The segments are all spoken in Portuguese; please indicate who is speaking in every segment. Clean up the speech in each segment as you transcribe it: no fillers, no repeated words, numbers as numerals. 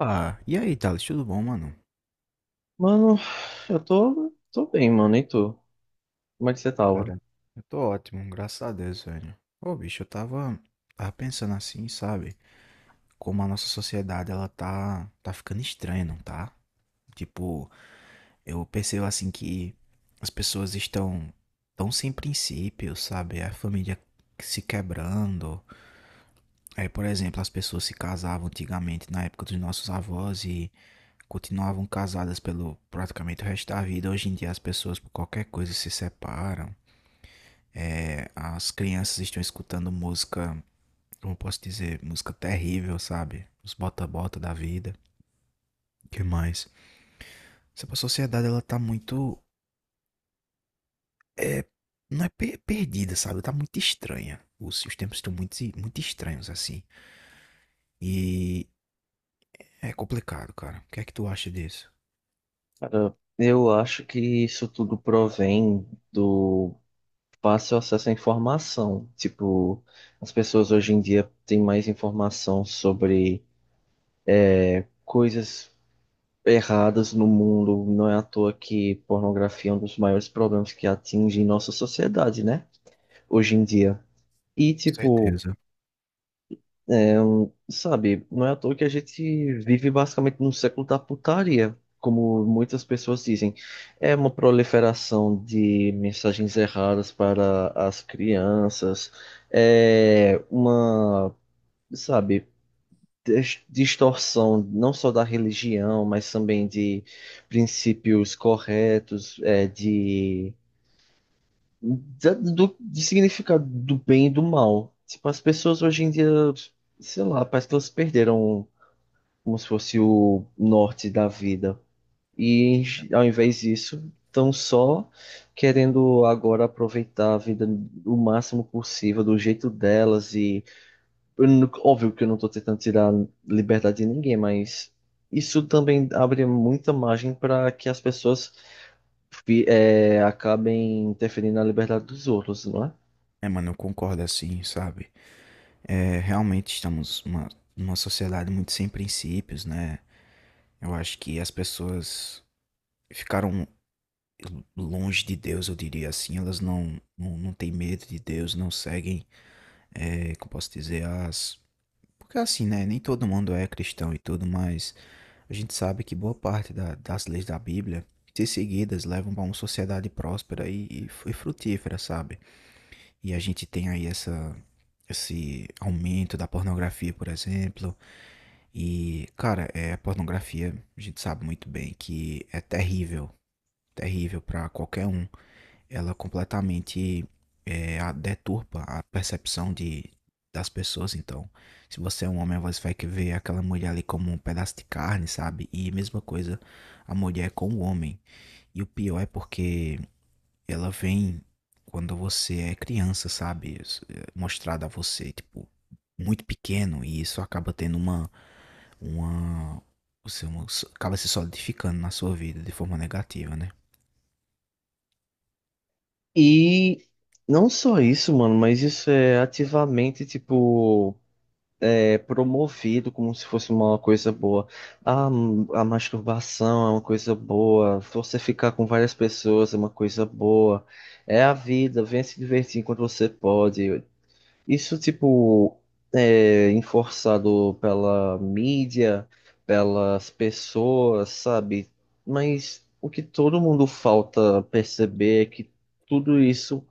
Speaker 1: Ah, e aí, Thales, tudo bom, mano?
Speaker 2: Mano, eu tô bem, mano, e tu? Como é que você tá, mano?
Speaker 1: Cara, eu tô ótimo, graças a Deus, velho. Ô, bicho, eu tava pensando assim, sabe? Como a nossa sociedade, ela tá ficando estranha, não tá? Tipo, eu percebo assim que as pessoas estão tão sem princípios, sabe? A família se quebrando. Aí, por exemplo, as pessoas se casavam antigamente, na época dos nossos avós, e continuavam casadas pelo praticamente o resto da vida. Hoje em dia as pessoas, por qualquer coisa, se separam. É, as crianças estão escutando música, como posso dizer, música terrível, sabe? Os bota-bota da vida. O que mais? Sabe, a sociedade, ela tá muito. É, não é perdida, sabe? Tá muito estranha. Os tempos estão muito estranhos, assim. E é complicado, cara. O que é que tu acha disso?
Speaker 2: Cara, eu acho que isso tudo provém do fácil acesso à informação. Tipo, as pessoas hoje em dia têm mais informação sobre coisas erradas no mundo. Não é à toa que pornografia é um dos maiores problemas que atinge nossa sociedade, né? Hoje em dia. E,
Speaker 1: Com
Speaker 2: tipo,
Speaker 1: certeza.
Speaker 2: Sabe, não é à toa que a gente vive basicamente num século da putaria, como muitas pessoas dizem. É uma proliferação de mensagens erradas para as crianças, é uma, sabe, distorção não só da religião, mas também de princípios corretos, é, de, de significado do bem e do mal. Tipo, as pessoas hoje em dia sei lá, parece que elas perderam como se fosse o norte da vida. E ao invés disso, estão só querendo agora aproveitar a vida o máximo possível, do jeito delas. E eu não- óbvio que eu não estou tentando tirar liberdade de ninguém, mas isso também abre muita margem para que as pessoas acabem interferindo na liberdade dos outros, não é?
Speaker 1: É, mano, eu concordo assim, sabe? É, numa sociedade muito sem princípios, né? Eu acho que as pessoas ficaram longe de Deus, eu diria assim. Elas não têm medo de Deus, não seguem, é, como posso dizer, as. Porque é assim, né? Nem todo mundo é cristão e tudo, mas a gente sabe que boa parte das leis da Bíblia, se seguidas, levam para uma sociedade próspera e, e frutífera, sabe? E a gente tem aí essa. Esse aumento da pornografia, por exemplo. E, cara, é, a pornografia, a gente sabe muito bem que é terrível, terrível para qualquer um ela completamente é, deturpa a percepção de, das pessoas. Então, se você é um homem, você vai que ver aquela mulher ali como um pedaço de carne, sabe? E mesma coisa a mulher com o homem. E o pior é porque ela vem quando você é criança, sabe? Isso, é, mostrada a você, tipo, muito pequeno. E isso acaba tendo uma. Uma você uma- acaba se solidificando na sua vida de forma negativa, né?
Speaker 2: E não só isso, mano, mas isso é ativamente, tipo é, promovido como se fosse uma coisa boa. A, a masturbação é uma coisa boa, você ficar com várias pessoas é uma coisa boa. É a vida, venha se divertir enquanto você pode. Isso, tipo, é enforçado pela mídia, pelas pessoas, sabe? Mas o que todo mundo falta perceber é que tudo isso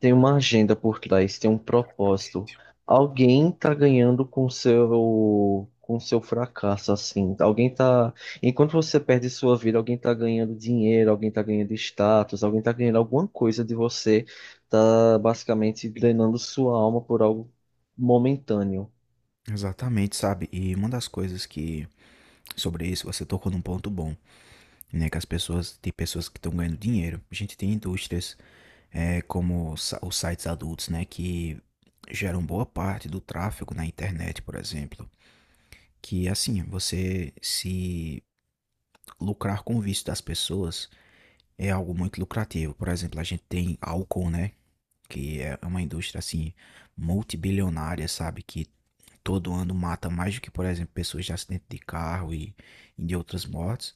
Speaker 2: tem uma agenda por trás, tem um propósito. Alguém tá ganhando com seu fracasso, assim. Alguém tá, enquanto você perde sua vida, alguém tá ganhando dinheiro, alguém tá ganhando status, alguém tá ganhando alguma coisa de você, tá basicamente drenando sua alma por algo momentâneo.
Speaker 1: Exatamente, sabe? E uma das coisas que sobre isso, você tocou num ponto bom, né? Que as pessoas, tem pessoas que estão ganhando dinheiro. A gente tem indústrias é, como os sites adultos, né? Que geram boa parte do tráfego na internet, por exemplo. Que assim, você se lucrar com o vício das pessoas é algo muito lucrativo. Por exemplo, a gente tem álcool, né? Que é uma indústria assim, multibilionária, sabe? Que todo ano mata mais do que, por exemplo, pessoas de acidente de carro e de outras mortes.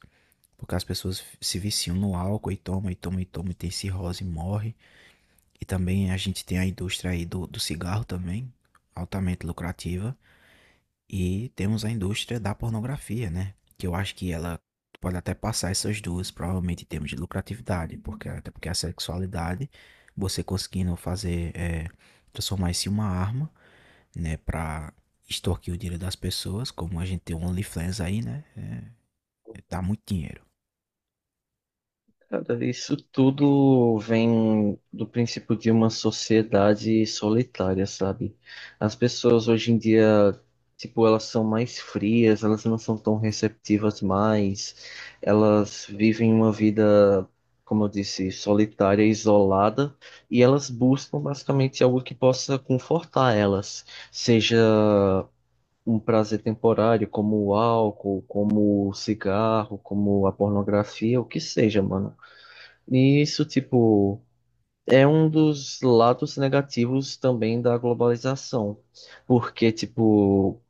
Speaker 1: Porque as pessoas se viciam no álcool e toma, e toma, e toma, e tem cirrose e morre. E também a gente tem a indústria aí do cigarro também, altamente lucrativa. E temos a indústria da pornografia, né? Que eu acho que ela pode até passar essas duas, provavelmente em termos de lucratividade. Porque, até porque a sexualidade, você conseguindo fazer, é, transformar isso em uma arma, né? Pra extorquir o dinheiro das pessoas, como a gente tem um OnlyFans aí, né? É, dá muito dinheiro.
Speaker 2: Cara, isso tudo vem do princípio de uma sociedade solitária, sabe? As pessoas hoje em dia, tipo, elas são mais frias, elas não são tão receptivas mais, elas vivem uma vida, como eu disse, solitária, isolada, e elas buscam basicamente algo que possa confortar elas, seja um prazer temporário, como o álcool, como o cigarro, como a pornografia, o que seja, mano. E isso, tipo, é um dos lados negativos também da globalização. Porque, tipo,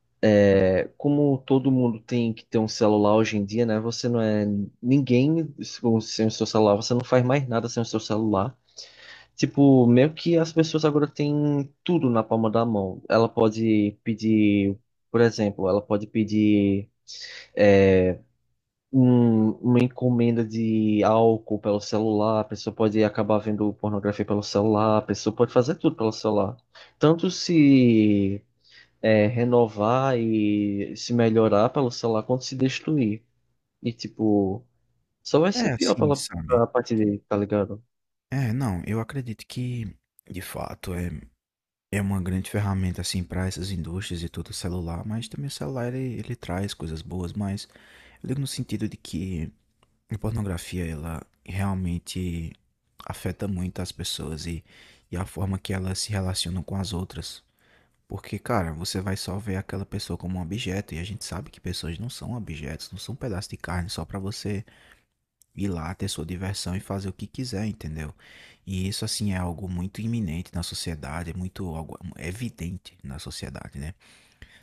Speaker 2: é, como todo mundo tem que ter um celular hoje em dia, né? Você não é ninguém sem o seu celular, você não faz mais nada sem o seu celular. Tipo, meio que as pessoas agora têm tudo na palma da mão. Ela pode pedir, por exemplo, ela pode pedir uma encomenda de álcool pelo celular, a pessoa pode acabar vendo pornografia pelo celular, a pessoa pode fazer tudo pelo celular. Tanto se é, renovar e se melhorar pelo celular, quanto se destruir. E, tipo, só vai ser
Speaker 1: É,
Speaker 2: pior
Speaker 1: assim,
Speaker 2: pela,
Speaker 1: sabe?
Speaker 2: pela parte dele, tá ligado?
Speaker 1: É, não, eu acredito que, de fato, é, é uma grande ferramenta, assim, para essas indústrias e tudo, o celular, mas também o celular, ele traz coisas boas, mas eu digo no sentido de que a pornografia, ela realmente afeta muito as pessoas e a forma que elas se relacionam com as outras. Porque, cara, você vai só ver aquela pessoa como um objeto, e a gente sabe que pessoas não são objetos, não são um pedaço de carne só para você ir lá ter sua diversão e fazer o que quiser, entendeu? E isso, assim, é algo muito iminente na sociedade, é muito algo é evidente na sociedade, né?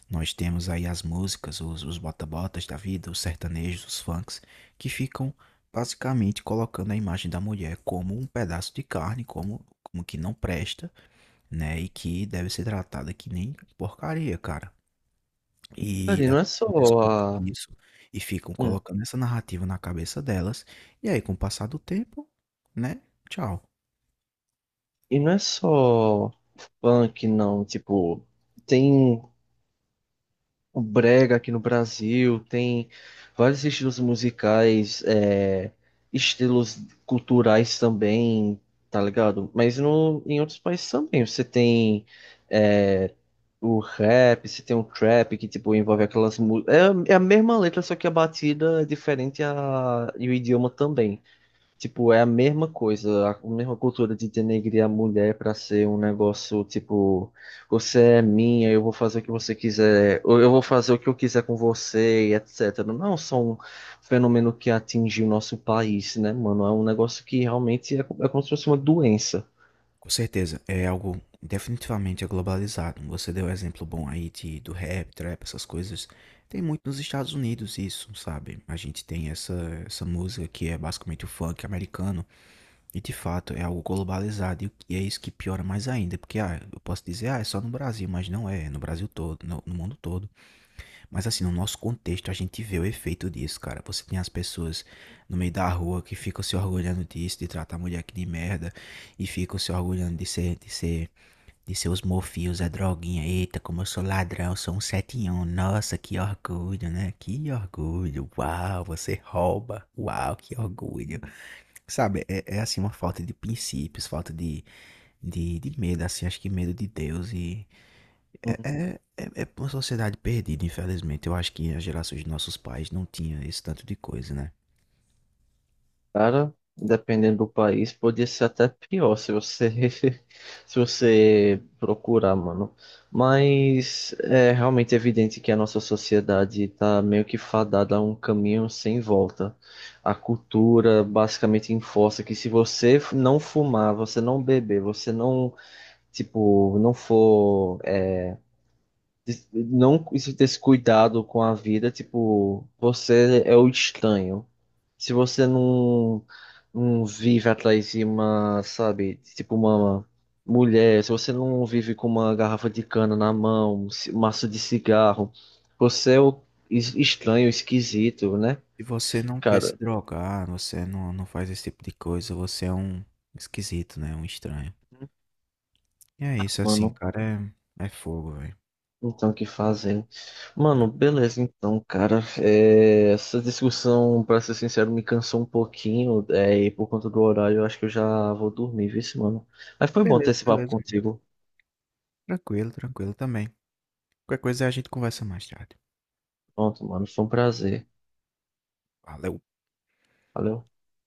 Speaker 1: Nós temos aí as músicas, os bota-botas da vida, os sertanejos, os funks, que ficam basicamente colocando a imagem da mulher como um pedaço de carne, como, como que não presta, né? E que deve ser tratada que nem porcaria, cara. E
Speaker 2: Cara, e não
Speaker 1: as
Speaker 2: é só
Speaker 1: pessoas escutam
Speaker 2: a.
Speaker 1: isso e ficam
Speaker 2: hum,
Speaker 1: colocando essa narrativa na cabeça delas, e aí com o passar do tempo, né, tchau.
Speaker 2: e não é só funk, não. Tipo, tem o brega aqui no Brasil, tem vários estilos musicais, é, estilos culturais também, tá ligado? Mas no, em outros países também, você tem é, o rap, você tem o trap, que tipo, envolve aquelas músicas. É, é a mesma letra, só que a batida é diferente a, e o idioma também. Tipo, é a mesma coisa, a mesma cultura de denegrir a mulher pra ser um negócio, tipo, você é minha, eu vou fazer o que você quiser, ou eu vou fazer o que eu quiser com você, e etc. Não é só um fenômeno que atinge o nosso país, né, mano? É um negócio que realmente é, é como se fosse uma doença.
Speaker 1: Com certeza, é algo definitivamente é globalizado. Você deu exemplo bom aí de, do rap, trap, essas coisas. Tem muito nos Estados Unidos isso, sabe? A gente tem essa, essa música que é basicamente o funk americano, e de fato é algo globalizado, e é isso que piora mais ainda, porque ah, eu posso dizer, ah, é só no Brasil, mas não é, é no Brasil todo, no mundo todo. Mas assim, no nosso contexto, a gente vê o efeito disso, cara. Você tem as pessoas no meio da rua que ficam se orgulhando disso, de tratar a mulher aqui de merda, e ficam se orgulhando de ser os mofios, a droguinha. Eita, como eu sou ladrão, eu sou um setinhão. Nossa, que orgulho, né? Que orgulho. Uau, você rouba. Uau, que orgulho. Sabe, é, é assim uma falta de princípios, falta de, de medo, assim, acho que medo de Deus e é uma sociedade perdida, infelizmente. Eu acho que as gerações de nossos pais não tinha esse tanto de coisa, né?
Speaker 2: Cara, dependendo do país, podia ser até pior se você se você procurar, mano. Mas é realmente evidente que a nossa sociedade tá meio que fadada a um caminho sem volta. A cultura basicamente enforça que se você não fumar, você não beber, você não, tipo, não for des- não esse- ter esse cuidado com a vida, tipo, você é o estranho. Se você não, não vive atrás de uma, sabe, tipo uma mulher, se você não vive com uma garrafa de cana na mão, um maço de cigarro, você é o estranho, esquisito, né?
Speaker 1: Se você não quer se
Speaker 2: Cara,
Speaker 1: drogar, você não faz esse tipo de coisa, você é um esquisito, né? Um estranho. E é isso, assim,
Speaker 2: mano.
Speaker 1: cara, é, é fogo, velho.
Speaker 2: Então, o que fazem?
Speaker 1: É.
Speaker 2: Mano, beleza, então, cara. É, essa discussão, pra ser sincero, me cansou um pouquinho. É, e por conta do horário, eu acho que eu já vou dormir, viu, esse mano? Mas foi bom ter
Speaker 1: Beleza,
Speaker 2: esse papo
Speaker 1: beleza.
Speaker 2: contigo.
Speaker 1: Tranquilo, tranquilo também. Qualquer coisa a gente conversa mais tarde.
Speaker 2: Pronto, mano. Foi um prazer.
Speaker 1: Valeu!
Speaker 2: Valeu.